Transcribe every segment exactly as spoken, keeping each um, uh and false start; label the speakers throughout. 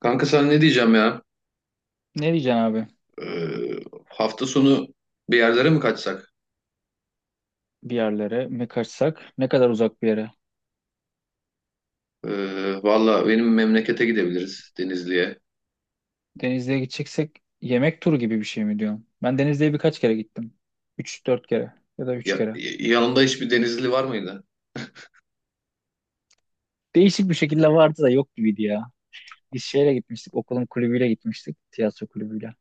Speaker 1: Kanka sana ne diyeceğim ya?
Speaker 2: Ne diyeceksin abi?
Speaker 1: Ee, hafta sonu bir yerlere mi kaçsak?
Speaker 2: Bir yerlere mi kaçsak? Ne kadar uzak bir yere?
Speaker 1: Ee, valla benim memlekete gidebiliriz Denizli'ye.
Speaker 2: Denizli'ye gideceksek yemek turu gibi bir şey mi diyorsun? Ben Denizli'ye birkaç kere gittim. Üç dört kere ya da üç
Speaker 1: Ya,
Speaker 2: kere.
Speaker 1: yanında hiçbir Denizli var mıydı?
Speaker 2: Değişik bir şekilde vardı da yok gibiydi ya. Biz şeyle gitmiştik, okulun kulübüyle gitmiştik, tiyatro kulübüyle.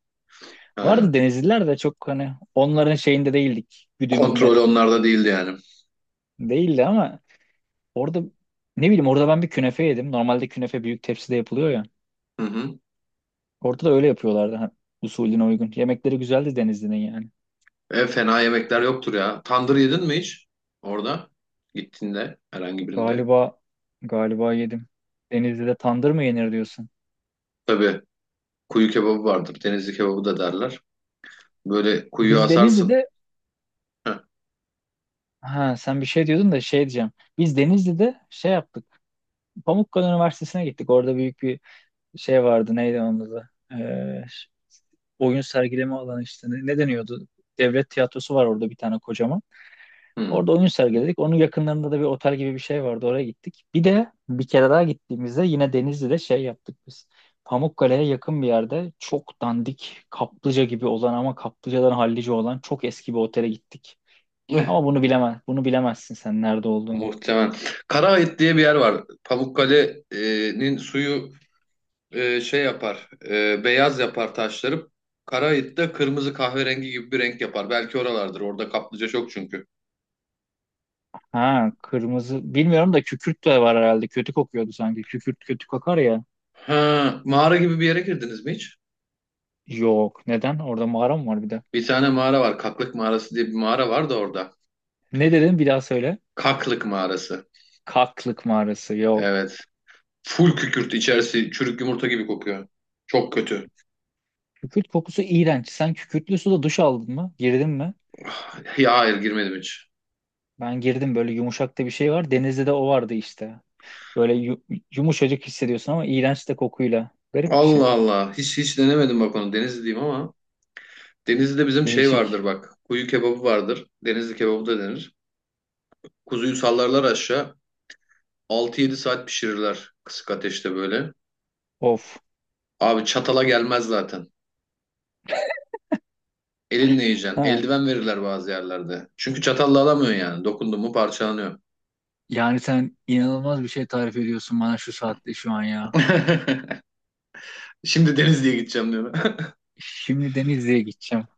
Speaker 1: Ha,
Speaker 2: Vardı Denizliler de çok hani onların şeyinde değildik, güdümünde.
Speaker 1: kontrol onlarda değildi yani.
Speaker 2: Değildi ama orada ne bileyim orada ben bir künefe yedim. Normalde künefe büyük tepside yapılıyor ya.
Speaker 1: Hı hı.
Speaker 2: Orada da öyle yapıyorlardı ha, usulüne uygun. Yemekleri güzeldi Denizli'nin yani.
Speaker 1: E, fena yemekler yoktur ya. Tandır yedin mi hiç? Orada gittiğinde herhangi birinde.
Speaker 2: Galiba galiba yedim. Denizli'de tandır mı yenir diyorsun?
Speaker 1: Tabii kuyu kebabı vardır. Denizli kebabı da derler. Böyle kuyu
Speaker 2: Biz
Speaker 1: asarsın.
Speaker 2: Denizli'de
Speaker 1: Heh,
Speaker 2: ha sen bir şey diyordun da şey diyeceğim. Biz Denizli'de şey yaptık. Pamukkale Üniversitesi'ne gittik. Orada büyük bir şey vardı. Neydi onun adı? Ee, oyun sergileme alanı işte. Ne, ne deniyordu? Devlet tiyatrosu var orada bir tane kocaman.
Speaker 1: hı.
Speaker 2: Orada oyun sergiledik. Onun yakınlarında da bir otel gibi bir şey vardı. Oraya gittik. Bir de bir kere daha gittiğimizde yine Denizli'de şey yaptık biz. Pamukkale'ye yakın bir yerde çok dandik kaplıca gibi olan ama kaplıcadan hallice olan çok eski bir otele gittik. Ama bunu bilemez, bunu bilemezsin sen nerede olduğunu.
Speaker 1: Muhtemelen. Karaait diye bir yer var. Pamukkale'nin suyu e, şey yapar, e, beyaz yapar taşları. Karaait de kırmızı kahverengi gibi bir renk yapar. Belki oralardır. Orada kaplıca çok çünkü.
Speaker 2: Ha kırmızı bilmiyorum da kükürt de var herhalde. Kötü kokuyordu sanki. Kükürt kötü kokar ya.
Speaker 1: Ha, mağara gibi bir yere girdiniz mi hiç?
Speaker 2: Yok. Neden? Orada mağara mı var bir de?
Speaker 1: Bir tane mağara var. Kaklık mağarası diye bir mağara var da orada.
Speaker 2: Ne dedin? Bir daha söyle.
Speaker 1: Kaklık mağarası.
Speaker 2: Kaklık mağarası. Yok.
Speaker 1: Evet. Full kükürt içerisi çürük yumurta gibi kokuyor. Çok kötü.
Speaker 2: Kükürt kokusu iğrenç. Sen kükürtlü suda duş aldın mı? Girdin mi?
Speaker 1: Ya hayır girmedim hiç.
Speaker 2: Ben girdim böyle yumuşak da bir şey var. Denizde de o vardı işte. Böyle yu- yumuşacık hissediyorsun ama iğrenç de kokuyla. Garip bir şey.
Speaker 1: Allah Allah. Hiç hiç denemedim bak onu. Denizliyim ama. Denizli'de bizim şey
Speaker 2: Değişik.
Speaker 1: vardır bak. Kuyu kebabı vardır. Denizli kebabı da denir. Kuzuyu sallarlar aşağı. Altı yedi saat pişirirler kısık ateşte böyle.
Speaker 2: Of.
Speaker 1: Abi çatala gelmez zaten. Elinle yiyeceksin.
Speaker 2: Ha.
Speaker 1: Eldiven verirler bazı yerlerde. Çünkü çatalla alamıyorsun yani. Dokundun mu parçalanıyor.
Speaker 2: Yani sen inanılmaz bir şey tarif ediyorsun bana şu saatte şu an ya.
Speaker 1: Şimdi Denizli'ye gideceğim diyor.
Speaker 2: Şimdi Denizli'ye gideceğim.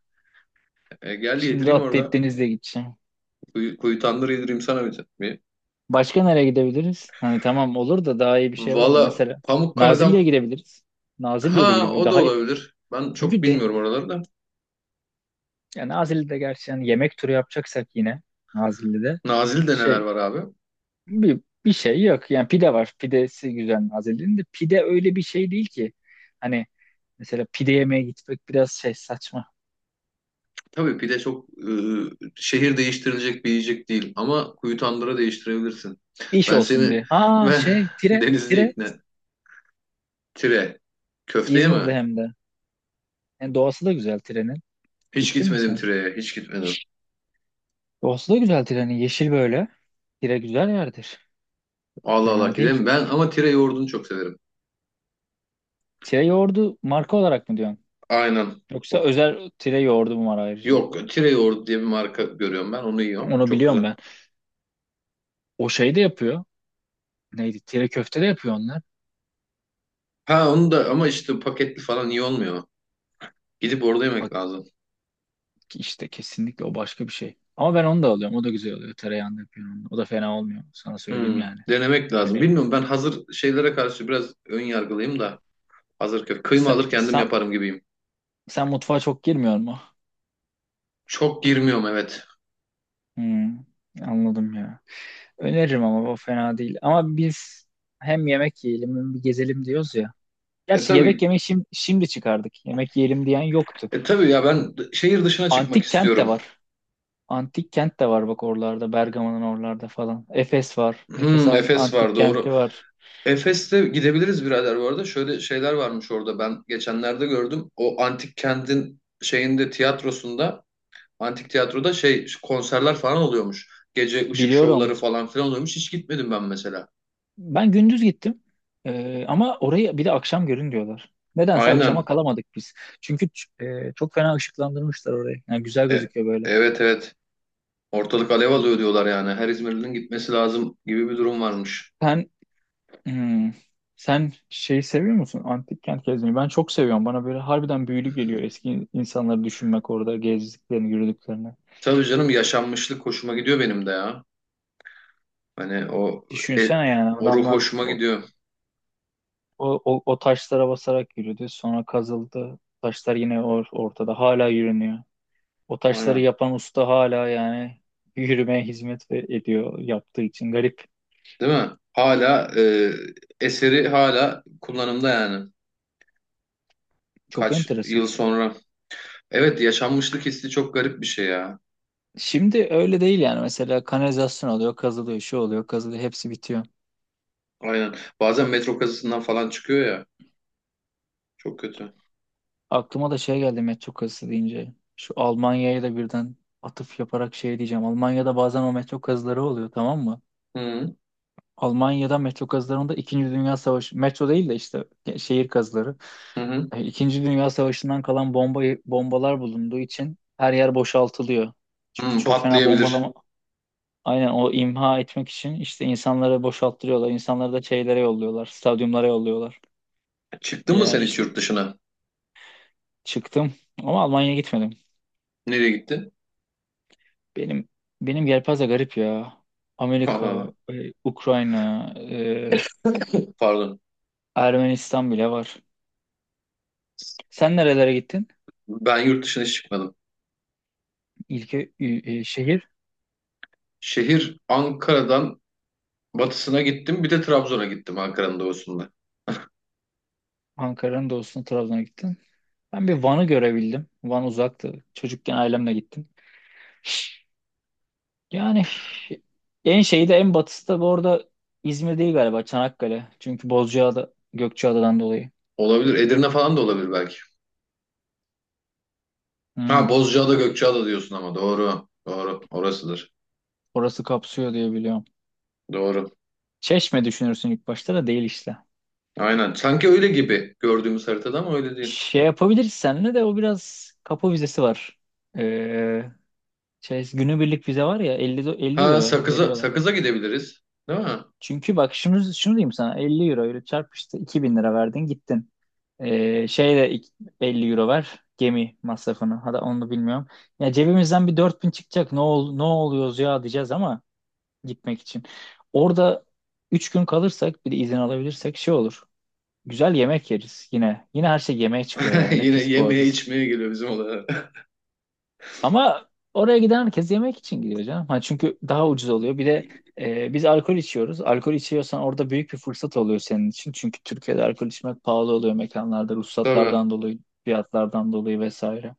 Speaker 1: E, gel
Speaker 2: Şimdi
Speaker 1: yedireyim
Speaker 2: atlayıp
Speaker 1: orada.
Speaker 2: Denizli'ye gideceğim.
Speaker 1: Kuyu, kuyu tandır yedireyim sana bir. bir.
Speaker 2: Başka nereye gidebiliriz? Hani tamam olur da daha iyi bir şey var mı?
Speaker 1: Valla
Speaker 2: Mesela
Speaker 1: Pamukkale'den
Speaker 2: Nazilli'ye gidebiliriz. Nazilli'ye de
Speaker 1: ha
Speaker 2: gidebiliriz.
Speaker 1: o da
Speaker 2: Daha iyi.
Speaker 1: olabilir. Ben çok
Speaker 2: Çünkü de,
Speaker 1: bilmiyorum oraları da.
Speaker 2: Yani Nazilli'de gerçi yani yemek turu yapacaksak yine Nazilli'de
Speaker 1: Nazilli'de neler
Speaker 2: şey
Speaker 1: var abi?
Speaker 2: bir, bir şey yok. Yani pide var. Pidesi güzel Nazilli'nin de pide öyle bir şey değil ki. Hani mesela pide yemeye gitmek biraz şey saçma.
Speaker 1: Tabii pide çok e, şehir değiştirilecek bir yiyecek değil ama kuyu tandıra değiştirebilirsin.
Speaker 2: İş
Speaker 1: Ben
Speaker 2: olsun
Speaker 1: seni
Speaker 2: diye. Ha
Speaker 1: ve
Speaker 2: şey Tire
Speaker 1: Denizli
Speaker 2: Tire
Speaker 1: ikna. Tire. Köfteye
Speaker 2: İzmir'de
Speaker 1: mi?
Speaker 2: hem de. Yani doğası da güzel Tire'nin.
Speaker 1: Hiç
Speaker 2: Gittin mi
Speaker 1: gitmedim
Speaker 2: sen?
Speaker 1: Tire'ye. Hiç gitmedim.
Speaker 2: Doğası da güzel Tire'nin. Yeşil böyle. Tire güzel yerdir.
Speaker 1: Allah Allah
Speaker 2: Fena değil.
Speaker 1: gidelim. Ben ama Tire yoğurdunu çok severim.
Speaker 2: Tire yoğurdu marka olarak mı diyorsun?
Speaker 1: Aynen.
Speaker 2: Yoksa
Speaker 1: O,
Speaker 2: özel Tire yoğurdu mu var ayrıca?
Speaker 1: yok Tire yoğurdu diye bir marka görüyorum ben. Onu yiyorum.
Speaker 2: Onu
Speaker 1: Çok
Speaker 2: biliyorum
Speaker 1: güzel.
Speaker 2: ben. O şey de yapıyor. Neydi? Tire köfte de yapıyor onlar.
Speaker 1: Ha onu da ama işte paketli falan iyi olmuyor. Gidip orada yemek
Speaker 2: Bak
Speaker 1: lazım.
Speaker 2: işte kesinlikle o başka bir şey. Ama ben onu da alıyorum. O da güzel oluyor. Tereyağında yapıyorum onu. O da fena olmuyor. Sana söyleyeyim
Speaker 1: Hmm,
Speaker 2: yani.
Speaker 1: denemek lazım.
Speaker 2: Öne
Speaker 1: Bilmiyorum ben hazır şeylere karşı biraz ön yargılıyım da. Hazır kö- kıyma
Speaker 2: sen,
Speaker 1: alır kendim
Speaker 2: sen,
Speaker 1: yaparım gibiyim.
Speaker 2: sen mutfağa çok girmiyor mu?
Speaker 1: Çok girmiyorum evet.
Speaker 2: Hmm, anladım ya. Öneririm ama o fena değil. Ama biz hem yemek yiyelim hem bir gezelim diyoruz ya.
Speaker 1: E
Speaker 2: Gerçi yemek
Speaker 1: tabii.
Speaker 2: yemeyi şimdi, şimdi çıkardık. Yemek yiyelim diyen yoktu.
Speaker 1: E tabii ya ben d- şehir dışına çıkmak
Speaker 2: Antik kent de
Speaker 1: istiyorum.
Speaker 2: var. Antik kent de var bak oralarda. Bergama'nın oralarda falan. Efes var. Efes
Speaker 1: Hmm, Efes
Speaker 2: antik
Speaker 1: var doğru.
Speaker 2: kenti var.
Speaker 1: Efes'te gidebiliriz birader bu arada. Şöyle şeyler varmış orada ben geçenlerde gördüm. O antik kentin şeyinde tiyatrosunda antik tiyatroda şey konserler falan oluyormuş. Gece ışık şovları
Speaker 2: Biliyorum.
Speaker 1: falan filan oluyormuş. Hiç gitmedim ben mesela.
Speaker 2: Ben gündüz gittim. Ee, ama orayı bir de akşam görün diyorlar. Nedense akşama
Speaker 1: Aynen.
Speaker 2: kalamadık biz. Çünkü ç- e, çok fena ışıklandırmışlar orayı. Yani güzel
Speaker 1: E,
Speaker 2: gözüküyor böyle.
Speaker 1: evet evet. Ortalık alev alıyor diyorlar yani. Her İzmirli'nin gitmesi lazım gibi bir durum varmış.
Speaker 2: Sen hmm, sen şeyi seviyor musun? Antik kent gezmeyi. Ben çok seviyorum. Bana böyle harbiden büyülü geliyor eski insanları düşünmek orada gezdiklerini, yürüdüklerini.
Speaker 1: Tabii canım yaşanmışlık hoşuma gidiyor benim de ya. Hani o e,
Speaker 2: Düşünsene yani
Speaker 1: o ruh
Speaker 2: adamlar
Speaker 1: hoşuma
Speaker 2: o,
Speaker 1: gidiyor.
Speaker 2: o, o, o taşlara basarak yürüdü. Sonra kazıldı. Taşlar yine or- ortada. Hala yürünüyor. O taşları
Speaker 1: Aynen.
Speaker 2: yapan usta hala yani yürümeye hizmet ve- ediyor yaptığı için garip.
Speaker 1: Değil mi? Hala e, eseri hala kullanımda yani.
Speaker 2: Çok
Speaker 1: Kaç
Speaker 2: enteresan.
Speaker 1: yıl sonra. Evet yaşanmışlık hissi çok garip bir şey ya.
Speaker 2: Şimdi öyle değil yani mesela kanalizasyon oluyor, kazılıyor, şu oluyor, kazılıyor, hepsi bitiyor.
Speaker 1: Aynen. Bazen metro kazısından falan çıkıyor ya. Çok kötü.
Speaker 2: Aklıma da şey geldi metro kazısı deyince. Şu Almanya'ya da birden atıf yaparak şey diyeceğim. Almanya'da bazen o metro kazıları oluyor tamam mı?
Speaker 1: Hı hı.
Speaker 2: Almanya'da metro kazılarında İkinci Dünya Savaşı, metro değil de işte şehir kazıları.
Speaker 1: Hı.
Speaker 2: E, İkinci Dünya Savaşı'ndan kalan bomba bombalar bulunduğu için her yer boşaltılıyor. Çünkü
Speaker 1: Hı,
Speaker 2: çok fena
Speaker 1: patlayabilir.
Speaker 2: bombalama aynen o imha etmek için işte insanları boşalttırıyorlar. İnsanları da şeylere yolluyorlar, stadyumlara yolluyorlar.
Speaker 1: Çıktın mı
Speaker 2: Ya
Speaker 1: sen hiç
Speaker 2: işte
Speaker 1: yurt dışına?
Speaker 2: çıktım ama Almanya'ya gitmedim.
Speaker 1: Nereye gittin?
Speaker 2: Benim benim yelpaze garip ya.
Speaker 1: Allah
Speaker 2: Amerika,
Speaker 1: Allah.
Speaker 2: e, Ukrayna, e,
Speaker 1: Pardon.
Speaker 2: Ermenistan bile var. Sen nerelere gittin?
Speaker 1: Ben yurt dışına hiç çıkmadım.
Speaker 2: İlke e, şehir.
Speaker 1: Şehir Ankara'dan batısına gittim. Bir de Trabzon'a gittim Ankara'nın doğusunda.
Speaker 2: Ankara'nın doğusuna Trabzon'a gittim. Ben bir Van'ı görebildim. Van uzaktı. Çocukken ailemle gittim. Yani en şeyi de en batısı da bu arada İzmir değil galiba Çanakkale. Çünkü Bozcaada, Gökçeada'dan dolayı.
Speaker 1: Olabilir. Edirne falan da olabilir belki. Ha
Speaker 2: Hmm,
Speaker 1: Bozcaada Gökçeada diyorsun ama doğru. Doğru. Orasıdır.
Speaker 2: orası kapsıyor diye biliyorum.
Speaker 1: Doğru.
Speaker 2: Çeşme düşünürsün ilk başta da değil işte.
Speaker 1: Aynen. Sanki öyle gibi gördüğümüz haritada ama öyle değil.
Speaker 2: Şey yapabiliriz seninle de o biraz kapı vizesi var. Ee, şey, Günübirlik vize var ya elli, do- 50
Speaker 1: Ha
Speaker 2: euro
Speaker 1: Sakız'a
Speaker 2: veriyorlar.
Speaker 1: Sakız'a gidebiliriz. Değil mi?
Speaker 2: Çünkü bak şunu, şunu diyeyim sana elli euro ile çarp işte iki bin lira verdin gittin. Ee, şeyde ik- elli euro ver gemi masrafını. Hadi onu bilmiyorum. Ya cebimizden bir dört bin çıkacak. Ne ol, ne oluyoruz ya diyeceğiz ama gitmek için. Orada üç gün kalırsak bir de izin alabilirsek şey olur. Güzel yemek yeriz yine. Yine her şey yemeğe çıkıyor ya. Ne
Speaker 1: Yine
Speaker 2: pis
Speaker 1: yemeye
Speaker 2: boğazız.
Speaker 1: içmeye geliyor bizim olaya.
Speaker 2: Ama oraya giden herkes yemek için gidiyor canım. Ha, çünkü daha ucuz oluyor. Bir de e, biz alkol içiyoruz. Alkol içiyorsan orada büyük bir fırsat oluyor senin için. Çünkü Türkiye'de alkol içmek pahalı oluyor mekanlarda.
Speaker 1: Tabii.
Speaker 2: Ruhsatlardan dolayı, fiyatlardan dolayı vesaire.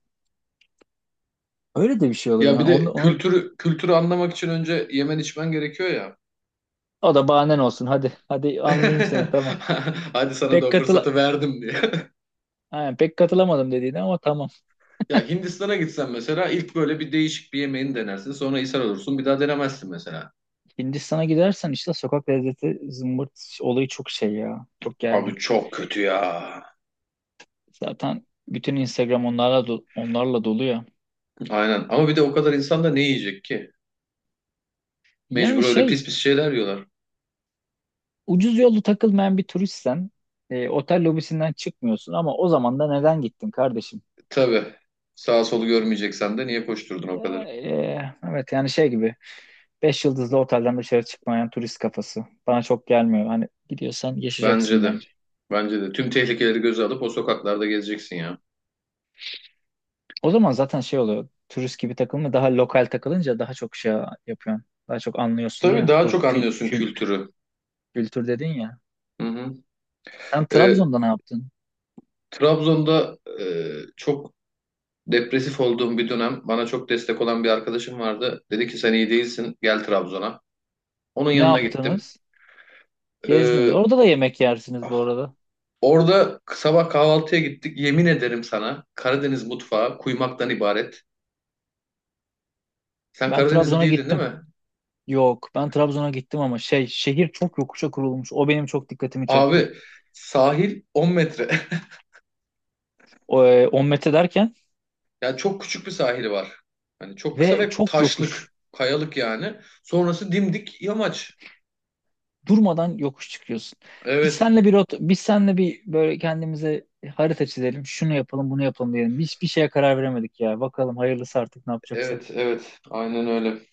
Speaker 2: Öyle de bir şey oluyor.
Speaker 1: Ya bir
Speaker 2: Yani onu,
Speaker 1: de
Speaker 2: onu-
Speaker 1: kültürü kültürü anlamak için önce yemen içmen gerekiyor ya.
Speaker 2: o da bahanen olsun. Hadi hadi anlayayım seni tamam.
Speaker 1: Hadi sana da
Speaker 2: Pek
Speaker 1: o
Speaker 2: katıl
Speaker 1: fırsatı verdim diye.
Speaker 2: Aynen, pek katılamadım dediğine ama tamam.
Speaker 1: Ya Hindistan'a gitsen mesela ilk böyle bir değişik bir yemeğini denersin. Sonra ishal olursun. Bir daha denemezsin mesela.
Speaker 2: Hindistan'a gidersen işte sokak lezzeti zımbırt olayı çok şey ya. Çok
Speaker 1: Abi
Speaker 2: gergin.
Speaker 1: çok kötü ya.
Speaker 2: Zaten bütün Instagram onlarla do- onlarla dolu ya.
Speaker 1: Aynen. Ama bir de o kadar insan da ne yiyecek ki? Mecbur
Speaker 2: Yani
Speaker 1: öyle
Speaker 2: şey
Speaker 1: pis pis şeyler yiyorlar.
Speaker 2: ucuz yollu takılmayan bir turistsen e, otel lobisinden çıkmıyorsun ama o zaman da neden gittin kardeşim?
Speaker 1: Tabii. Sağ solu görmeyeceksen de niye koşturdun
Speaker 2: E,
Speaker 1: o kadar?
Speaker 2: e, evet yani şey gibi beş yıldızlı otelden dışarı çıkmayan turist kafası. Bana çok gelmiyor. Hani gidiyorsan
Speaker 1: Bence
Speaker 2: yaşayacaksın
Speaker 1: de.
Speaker 2: bence.
Speaker 1: Bence de. Tüm tehlikeleri göze alıp o sokaklarda gezeceksin ya.
Speaker 2: O zaman zaten şey oluyor. Turist gibi takılma daha lokal takılınca daha çok şey yapıyorsun. Daha çok anlıyorsun
Speaker 1: Tabii
Speaker 2: ya.
Speaker 1: daha
Speaker 2: O
Speaker 1: çok
Speaker 2: kül,
Speaker 1: anlıyorsun
Speaker 2: kül,
Speaker 1: kültürü.
Speaker 2: kültür dedin ya.
Speaker 1: Hı hı.
Speaker 2: Sen
Speaker 1: Ee,
Speaker 2: Trabzon'da ne yaptın?
Speaker 1: Trabzon'da e, çok depresif olduğum bir dönem bana çok destek olan bir arkadaşım vardı. Dedi ki sen iyi değilsin gel Trabzon'a. Onun
Speaker 2: Ne
Speaker 1: yanına gittim.
Speaker 2: yaptınız? Gezdiniz.
Speaker 1: E,
Speaker 2: Orada da yemek yersiniz bu arada.
Speaker 1: Orada sabah kahvaltıya gittik. Yemin ederim sana Karadeniz mutfağı kuymaktan ibaret. Sen
Speaker 2: Ben
Speaker 1: Karadenizli
Speaker 2: Trabzon'a
Speaker 1: değildin değil
Speaker 2: gittim.
Speaker 1: mi?
Speaker 2: Yok. Ben Trabzon'a gittim ama şey şehir çok yokuşa kurulmuş. O benim çok dikkatimi
Speaker 1: Abi
Speaker 2: çekti.
Speaker 1: sahil on metre.
Speaker 2: O, e, on metre derken
Speaker 1: Yani çok küçük bir sahili var. Hani çok kısa
Speaker 2: ve
Speaker 1: ve
Speaker 2: çok yokuş.
Speaker 1: taşlık, kayalık yani. Sonrası dimdik yamaç.
Speaker 2: Durmadan yokuş çıkıyorsun. Biz
Speaker 1: Evet,
Speaker 2: senle bir rota- biz senle bir böyle kendimize harita çizelim. Şunu yapalım, bunu yapalım diyelim. Hiçbir şeye karar veremedik ya. Bakalım hayırlısı artık ne
Speaker 1: evet,
Speaker 2: yapacaksak.
Speaker 1: evet. Aynen öyle.